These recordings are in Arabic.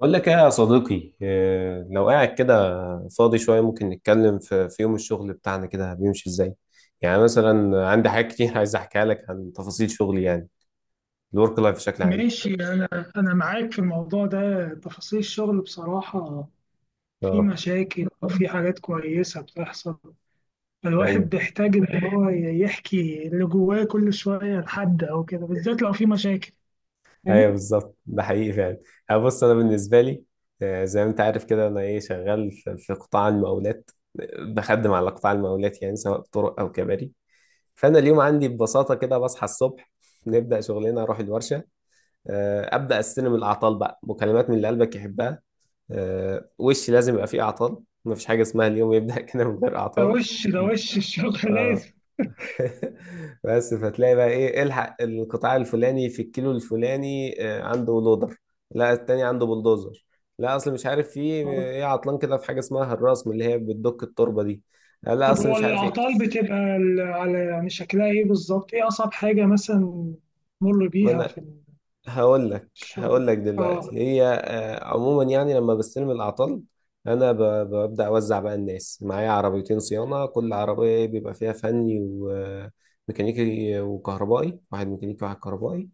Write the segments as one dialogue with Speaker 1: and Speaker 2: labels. Speaker 1: بقول لك ايه يا صديقي إيه، لو قاعد كده فاضي شوية ممكن نتكلم في يوم الشغل بتاعنا كده بيمشي ازاي يعني مثلا عندي حاجات كتير عايز احكيها لك عن تفاصيل شغلي يعني الورك لايف بشكل عام.
Speaker 2: ماشي أنا. أنا معاك في الموضوع ده، تفاصيل الشغل بصراحة في
Speaker 1: اه،
Speaker 2: مشاكل وفي حاجات كويسة بتحصل. الواحد
Speaker 1: ايوه،
Speaker 2: بيحتاج إن هو يحكي اللي جواه كل شوية لحد أو كده، بالذات لو في مشاكل.
Speaker 1: ايوه بالظبط ده حقيقي فعلا. أنا بص، انا بالنسبة لي زي ما انت عارف كده انا ايه شغال في قطاع المقاولات. بخدم على قطاع المقاولات يعني سواء طرق او كباري. فانا اليوم عندي ببساطة كده بصحى الصبح، نبدأ شغلنا، اروح الورشة. ابدا استلم الاعطال بقى مكالمات من اللي قلبك يحبها. وش لازم يبقى فيه اعطال، مفيش حاجه اسمها اليوم يبدا كده من غير
Speaker 2: ده
Speaker 1: اعطال.
Speaker 2: وش ده وش الشغل لازم.
Speaker 1: اه. بس فتلاقي بقى ايه الحق القطاع الفلاني في الكيلو الفلاني، عنده لودر، لا التاني عنده بلدوزر، لا اصل مش عارف في ايه عطلان كده في حاجه اسمها الرسم اللي هي بتدك التربه دي، لا
Speaker 2: طب
Speaker 1: اصل
Speaker 2: هو
Speaker 1: مش عارف ايه.
Speaker 2: الأعطال بتبقى على شكلها إيه بالظبط؟ إيه أصعب حاجة مثلا مر
Speaker 1: ما
Speaker 2: بيها
Speaker 1: انا
Speaker 2: في
Speaker 1: هقول لك، هقول
Speaker 2: الشغل؟
Speaker 1: لك دلوقتي
Speaker 2: آه.
Speaker 1: هي، عموما يعني لما بستلم الأعطال، أنا ب- ببدأ أوزع بقى الناس معايا عربيتين صيانة، كل عربية بيبقى فيها فني وميكانيكي وكهربائي، واحد ميكانيكي واحد كهربائي.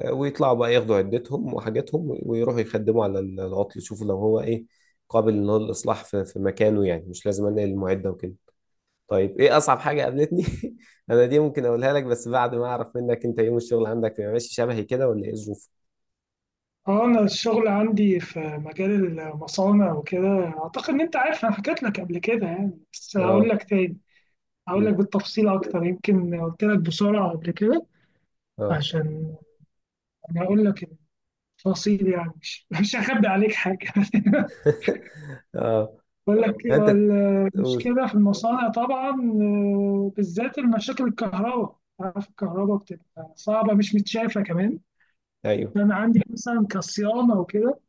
Speaker 1: ويطلعوا بقى ياخدوا عدتهم وحاجاتهم ويروحوا يخدموا على العطل، يشوفوا لو هو إيه قابل إن هو للإصلاح في مكانه يعني مش لازم أنقل المعدة وكده. طيب إيه أصعب حاجة قابلتني؟ أنا دي ممكن أقولها لك بس بعد ما أعرف منك أنت يوم الشغل عندك بيبقى ماشي شبهي كده ولا إيه الظروف؟
Speaker 2: اه انا الشغل عندي في مجال المصانع وكده، اعتقد ان انت عارف، انا حكيت لك قبل كده يعني، بس هقول
Speaker 1: اه.
Speaker 2: لك تاني. هقول لك
Speaker 1: مم.
Speaker 2: بالتفصيل اكتر، يمكن قلت لك بسرعه قبل كده.
Speaker 1: اه.
Speaker 2: عشان انا هقول لك التفاصيل، يعني مش مش هخبي عليك حاجه
Speaker 1: اه،
Speaker 2: بقول تمام
Speaker 1: انت
Speaker 2: لك.
Speaker 1: تقول.
Speaker 2: المشكله في المصانع طبعا، بالذات المشاكل الكهرباء، عارف الكهرباء بتبقى صعبه مش متشافه كمان.
Speaker 1: ايوه.
Speaker 2: انا عندي مثلا كصيانه وكده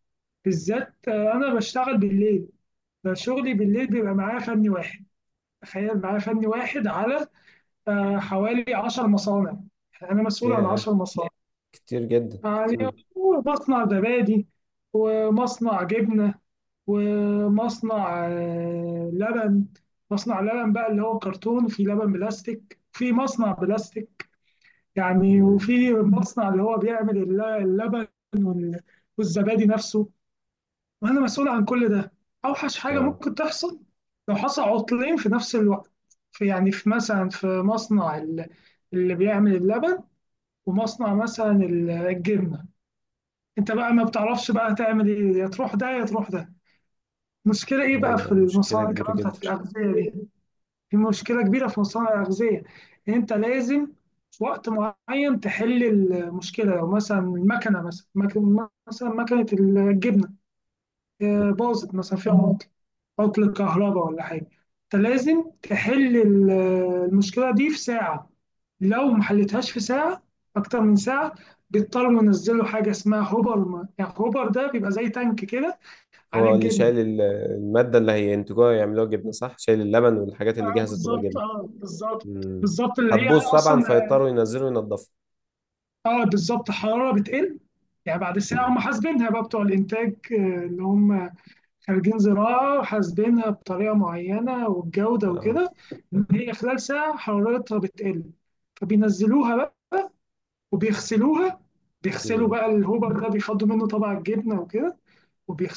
Speaker 2: بالذات، انا بشتغل بالليل، فشغلي بالليل بيبقى معاه فني واحد. تخيل معاه فني واحد على حوالي 10 مصانع. يعني انا مسؤول عن
Speaker 1: ياه،
Speaker 2: 10 مصانع.
Speaker 1: كتير جدا.
Speaker 2: يعني
Speaker 1: مم.
Speaker 2: مصنع زبادي، مصنع جبنة، ومصنع لبن. مصنع لبن بقى اللي هو كرتون، في لبن بلاستيك، في مصنع بلاستيك يعني،
Speaker 1: مم.
Speaker 2: وفي مصنع اللي هو بيعمل اللبن وال- والزبادي نفسه، وانا مسؤول عن كل ده. اوحش حاجه
Speaker 1: اه.
Speaker 2: ممكن تحصل لو حصل عطلين في نفس الوقت، في يعني في مثلا في مصنع اللي بيعمل اللبن، ومصنع مثلا الجبنه. انت بقى ما بتعرفش بقى تعمل ايه، يا تروح ده يا تروح ده. المشكله ايه بقى في
Speaker 1: ايوه، مشكلة
Speaker 2: المصانع
Speaker 1: كبيرة
Speaker 2: كمان
Speaker 1: جدا.
Speaker 2: بتاعت الاغذيه دي، في مشكله كبيره في مصانع الاغذيه، ان انت لازم في وقت معين تحل المشكله. لو مثلا المكنه، مثلا مكنه الجبنه
Speaker 1: مم.
Speaker 2: باظت مثلا، فيها عطل كهرباء ولا حاجة، أنت لازم تحل المشكلة دي في ساعة. لو ما حلتهاش في ساعة، أكتر من ساعة، بيضطروا ينزلوا حاجة اسمها هوبر ما. يعني هوبر ده بيبقى زي تانك كده عليه
Speaker 1: هو اللي
Speaker 2: الجبنة.
Speaker 1: شايل المادة اللي هينتجوها يعملوها جبنة صح، شايل اللبن والحاجات اللي
Speaker 2: اه
Speaker 1: جاهزة تبقى
Speaker 2: بالظبط،
Speaker 1: جبنة.
Speaker 2: اه بالظبط،
Speaker 1: مم.
Speaker 2: بالظبط اللي هي
Speaker 1: هتبوظ طبعا
Speaker 2: أصلا.
Speaker 1: فيضطروا ينزلوا ينضفوا.
Speaker 2: اه بالظبط، حرارة بتقل. يعني بعد ساعة
Speaker 1: مم.
Speaker 2: هم حاسبينها بقى بتوع الإنتاج، اللي هم خريجين زراعة وحاسبينها بطريقة معينة والجودة
Speaker 1: اه.
Speaker 2: وكده، إن هي خلال ساعة حرارتها بتقل. فبينزلوها بقى وبيغسلوها. بيغسلوا
Speaker 1: مم.
Speaker 2: بقى الهوبر ده، بيفضوا منه طبعا الجبنة وكده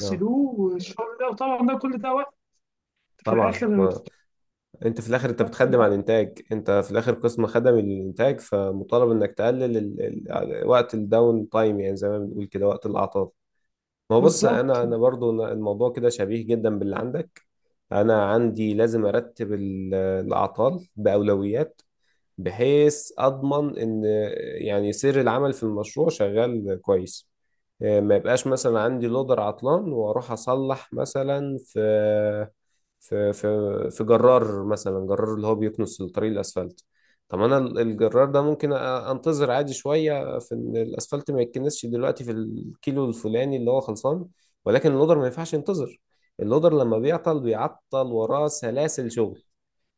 Speaker 1: اه
Speaker 2: والشغل ده، وطبعا ده كل ده وقت في
Speaker 1: طبعا.
Speaker 2: الآخر.
Speaker 1: ما انت في الاخر انت
Speaker 2: بتتغسل
Speaker 1: بتخدم على
Speaker 2: على-
Speaker 1: الانتاج، انت في الاخر قسم خدم الانتاج فمطالب انك تقلل يعني وقت الداون تايم يعني زي ما بنقول كده، وقت الاعطال. ما هو بص،
Speaker 2: بالظبط،
Speaker 1: انا برضو الموضوع كده شبيه جدا باللي عندك. انا عندي لازم ارتب الاعطال باولويات، بحيث اضمن ان يعني سير العمل في المشروع شغال كويس. ما يبقاش مثلا عندي لودر عطلان واروح اصلح مثلا في في في جرار، مثلا جرار اللي هو بيكنس الطريق الاسفلت. طب انا الجرار ده ممكن انتظر عادي شويه في ان الاسفلت ما يتكنسش دلوقتي في الكيلو الفلاني اللي هو خلصان. ولكن اللودر ما ينفعش ينتظر. اللودر لما بيعطل بيعطل وراه سلاسل شغل،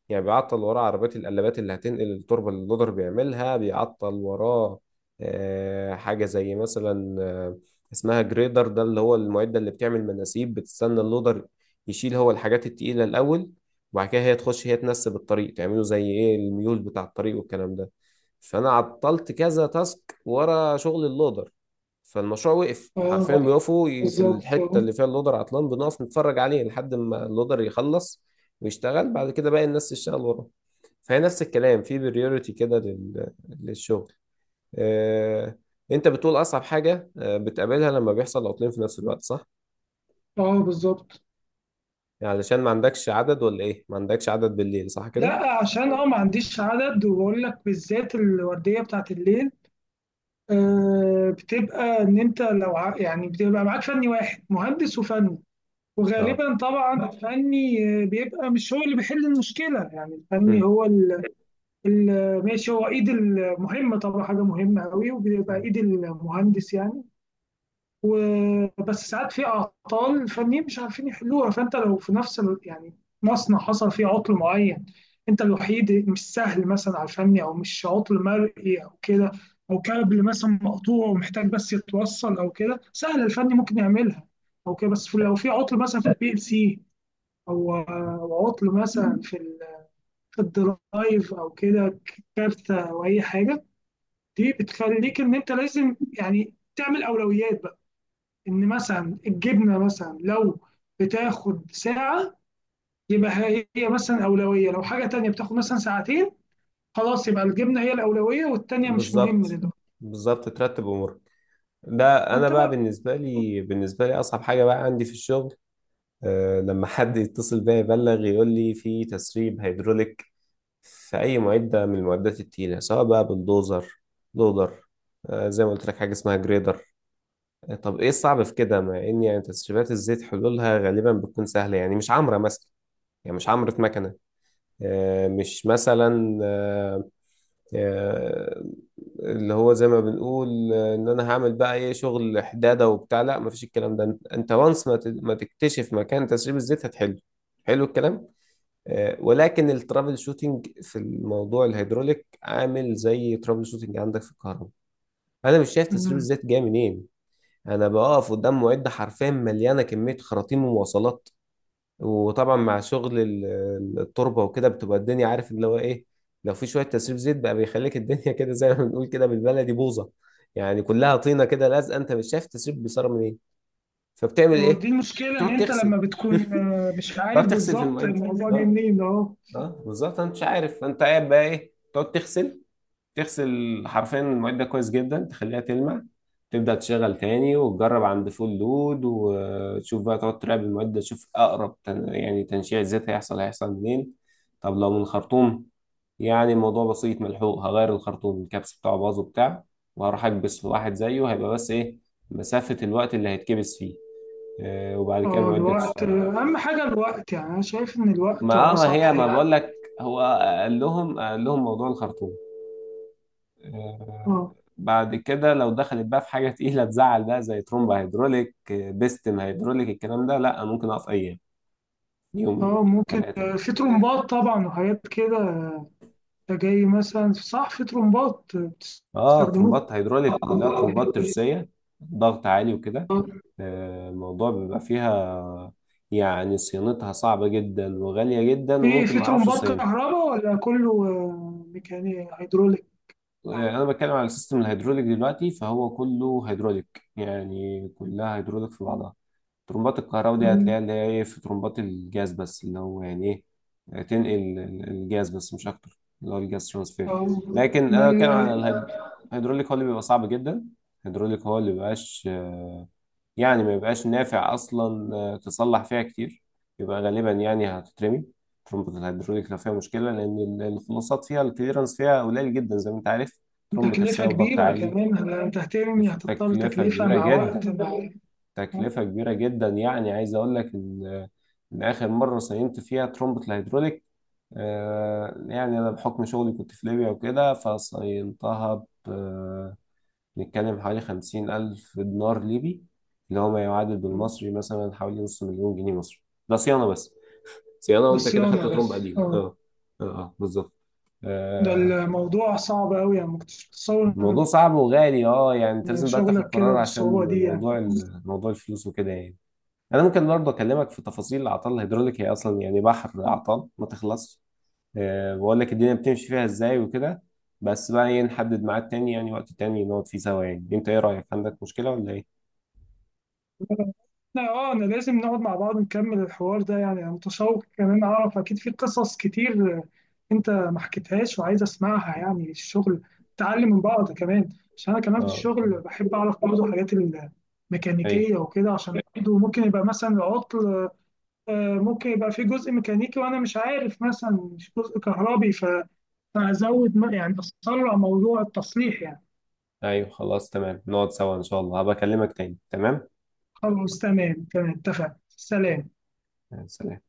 Speaker 1: يعني بيعطل وراه عربيات القلابات اللي هتنقل التربة اللي اللودر بيعملها، بيعطل وراه حاجة زي مثلا اسمها جريدر، ده اللي هو المعدة اللي بتعمل مناسيب، بتستنى اللودر يشيل هو الحاجات التقيلة الأول، وبعد كده هي تخش هي تنسب الطريق تعمله زي ايه الميول بتاع الطريق والكلام ده. فأنا عطلت كذا تاسك ورا شغل اللودر، فالمشروع وقف حرفيا،
Speaker 2: اه
Speaker 1: بيقفوا في
Speaker 2: بالظبط،
Speaker 1: الحتة
Speaker 2: اه
Speaker 1: اللي فيها اللودر عطلان بنقف نتفرج عليه لحد ما اللودر يخلص ويشتغل بعد كده باقي الناس تشتغل وراه. فهي نفس الكلام في بريوريتي كده للشغل. آه، انت بتقول اصعب حاجة بتقابلها لما بيحصل عطلين في نفس الوقت صح؟
Speaker 2: بالظبط.
Speaker 1: يعني علشان ما عندكش عدد ولا ايه؟ ما عندكش عدد بالليل صح كده؟
Speaker 2: لا عشان اه ما عنديش عدد، وبقول لك بالذات الوردية بتاعت الليل، بتبقى ان انت لو بتبقى معاك فني واحد، مهندس وفني.
Speaker 1: اه.
Speaker 2: وغالبا طبعا الفني بيبقى مش هو اللي بيحل المشكله. يعني الفني
Speaker 1: مم.
Speaker 2: هو ماشي، هو ايد المهمه طبعا، حاجه مهمه قوي، وبيبقى ايد المهندس يعني. بس ساعات في اعطال الفنيين مش عارفين يحلوها. فانت لو في نفس ال... يعني مصنع حصل فيه عطل معين، انت الوحيد، مش سهل مثلا على الفني، او مش عطل مرئي او كده، او كابل مثلا مقطوع ومحتاج بس يتوصل او كده، سهل الفني ممكن يعملها او كده. بس لو في عطل مثلا في البي ال سي، أو عطل مثلا في الدرايف او كده، كارتة او اي حاجه، دي بتخليك ان انت لازم يعني تعمل اولويات بقى. ان مثلا الجبنه مثلا لو بتاخد ساعه، يبقى هي مثلا اولويه. لو حاجه تانية بتاخد مثلا ساعتين، خلاص يبقى الجبنه هي الاولويه والتانية مش مهمه
Speaker 1: بالظبط،
Speaker 2: دلوقتي.
Speaker 1: بالظبط ترتب امورك. ده انا
Speaker 2: فانت
Speaker 1: بقى
Speaker 2: بقى.
Speaker 1: بالنسبه لي، بالنسبه لي اصعب حاجه بقى عندي في الشغل، أه لما حد يتصل بيا يبلغ يقول لي في تسريب هيدروليك في أي معدة من المعدات التقيلة سواء بقى بالدوزر، لودر، زي ما قلت لك حاجة اسمها جريدر. طب إيه الصعب في كده مع إن يعني تسريبات الزيت حلولها غالبا بتكون سهلة، يعني مش عمرة مثلا، يعني مش عمرة مكنة، آه، مش مثلا آه، آه، اللي هو زي ما بنقول إن أنا هعمل بقى إيه شغل حدادة وبتاع، لا مفيش الكلام ده، أنت وانس ما تكتشف مكان تسريب الزيت هتحله. حلو الكلام. ولكن الترابل شوتنج في الموضوع الهيدروليك عامل زي ترابل شوتنج عندك في الكهرباء. انا مش شايف تسريب
Speaker 2: مم.
Speaker 1: الزيت جاي منين. انا بقف قدام معده حرفيا مليانه كميه خراطيم ومواصلات، وطبعا مع شغل التربه وكده بتبقى الدنيا عارف اللي هو ايه. لو في شويه تسريب زيت بقى بيخليك الدنيا كده زي ما بنقول كده بالبلدي بوظه، يعني كلها طينه كده لازقه، انت مش شايف التسريب بيصير منين. فبتعمل
Speaker 2: هو
Speaker 1: ايه؟
Speaker 2: دي المشكله ان
Speaker 1: بتقعد
Speaker 2: انت
Speaker 1: تغسل.
Speaker 2: لما بتكون مش عارف
Speaker 1: تقعد تغسل في
Speaker 2: بالظبط
Speaker 1: المعده،
Speaker 2: الموضوع جاي
Speaker 1: اه.
Speaker 2: منين اهو.
Speaker 1: اه بالظبط، انت مش عارف انت قاعد بقى ايه، تقعد تغسل، تغسل حرفيا المعده كويس جدا، تخليها تلمع، تبدا تشغل تاني وتجرب عند فول لود وتشوف بقى، تقعد تراقب المعده تشوف اقرب يعني تنشيع زيت هيحصل، هيحصل منين. طب لو من الخرطوم، يعني الموضوع بسيط ملحوق، هغير الخرطوم الكبس بتاعه باظ وبتاع، وهروح اكبس في واحد زيه، هيبقى بس ايه مسافه الوقت اللي هيتكبس فيه، وبعد كده
Speaker 2: اه
Speaker 1: المعده
Speaker 2: الوقت،
Speaker 1: تشتغل.
Speaker 2: اهم حاجه الوقت، يعني انا شايف ان الوقت
Speaker 1: ما
Speaker 2: هو
Speaker 1: آه، ما
Speaker 2: اصعب
Speaker 1: هي ما
Speaker 2: حاجه.
Speaker 1: بقول لك، هو قال لهم موضوع الخرطوم. آه،
Speaker 2: اه
Speaker 1: بعد كده لو دخلت بقى في حاجه تقيله تزعل بقى زي ترومبا هيدروليك، بيستم هيدروليك الكلام ده، لا ممكن اقف ايام، يوم يومين
Speaker 2: اه ممكن،
Speaker 1: ثلاثه.
Speaker 2: في ترومبات طبعا وحاجات كده جاي مثلا صح، في ترومبات
Speaker 1: اه
Speaker 2: بتستخدموها.
Speaker 1: ترومبات هيدروليك كلها ترومبات ترسيه، ضغط عالي وكده.
Speaker 2: آه.
Speaker 1: الموضوع بيبقى فيها يعني صيانتها صعبه جدا وغاليه جدا وممكن
Speaker 2: في
Speaker 1: ما اعرفش
Speaker 2: ترمبات
Speaker 1: اصينها.
Speaker 2: كهرباء ولا كله ميكاني هيدروليك؟
Speaker 1: يعني
Speaker 2: يعني
Speaker 1: انا بتكلم على السيستم الهيدروليك دلوقتي فهو كله هيدروليك، يعني كلها هيدروليك في بعضها. ترمبات الكهرباء دي هتلاقيها اللي هي ايه، في ترمبات الجاز بس اللي هو يعني ايه تنقل الجاز بس مش اكتر، اللي هو الجاز ترانسفير.
Speaker 2: آه،
Speaker 1: لكن
Speaker 2: ما
Speaker 1: انا
Speaker 2: ال-
Speaker 1: بتكلم على الهيدروليك، هو اللي بيبقى صعب جدا. الهيدروليك هو اللي مبيبقاش يعني ما يبقاش نافع اصلا تصلح فيها كتير، يبقى غالبا يعني هتترمي ترمبة الهيدروليك لو فيها مشكلة، لأن الخلاصات فيها، الكليرنس فيها قليل جدا زي ما أنت عارف، ترمبة
Speaker 2: تكلفة
Speaker 1: ترسية وضغط
Speaker 2: كبيرة
Speaker 1: عالي.
Speaker 2: كمان يعني، لو تهتم يعني هتضطر
Speaker 1: تكلفة
Speaker 2: تكلفة
Speaker 1: كبيرة
Speaker 2: مع وقت
Speaker 1: جدا،
Speaker 2: مع آه،
Speaker 1: تكلفة كبيرة جدا، يعني عايز أقول لك إن إن آخر مرة صينت فيها ترمبة الهيدروليك، يعني أنا بحكم شغلي كنت في ليبيا وكده فصينتها، بنتكلم حوالي 50,000 دينار ليبي، اللي هو ما يعادل بالمصري مثلا حوالي نص مليون جنيه مصري. ده صيانة بس. صيانة
Speaker 2: ده
Speaker 1: وأنت كده خدت
Speaker 2: صيانة
Speaker 1: ترمب
Speaker 2: بس.
Speaker 1: قديم،
Speaker 2: آه.
Speaker 1: اه. اه اه بالظبط.
Speaker 2: ده
Speaker 1: آه،
Speaker 2: الموضوع صعب أوي، يعني ما كنتش متصور
Speaker 1: الموضوع صعب وغالي، اه يعني انت
Speaker 2: إن
Speaker 1: لازم بقى تاخد
Speaker 2: شغلك كده
Speaker 1: قرار عشان
Speaker 2: بالصعوبة دي يعني.
Speaker 1: موضوع موضوع الفلوس وكده يعني. انا ممكن برضه اكلمك في تفاصيل الاعطال الهيدروليك، هي اصلا يعني بحر اعطال ما تخلصش، أه بقول لك الدنيا بتمشي فيها ازاي وكده. بس بقى ايه، نحدد ميعاد تاني يعني وقت تاني نقعد فيه سوا، يعني انت ايه رايك، عندك مشكله ولا ايه؟
Speaker 2: لا اه، انا لازم نقعد مع بعض نكمل الحوار ده يعني. انا متشوق كمان اعرف، اكيد في قصص كتير انت ما حكيتهاش وعايز اسمعها يعني. الشغل تعلم من بعض كمان. عشان انا كمان في
Speaker 1: اه،
Speaker 2: الشغل بحب اعرف برضه حاجات
Speaker 1: ايوه،
Speaker 2: الميكانيكيه وكده، عشان برضه ممكن يبقى مثلا العطل ممكن يبقى في جزء ميكانيكي، وانا مش عارف مثلا، مش جزء كهربي، فازود يعني اسرع موضوع التصليح يعني.
Speaker 1: ايوه خلاص تمام، نقعد سوا ان شاء الله، هبقى اكلمك تاني. تمام،
Speaker 2: خلاص تمام، تمام، اتفق، سلام.
Speaker 1: سلام.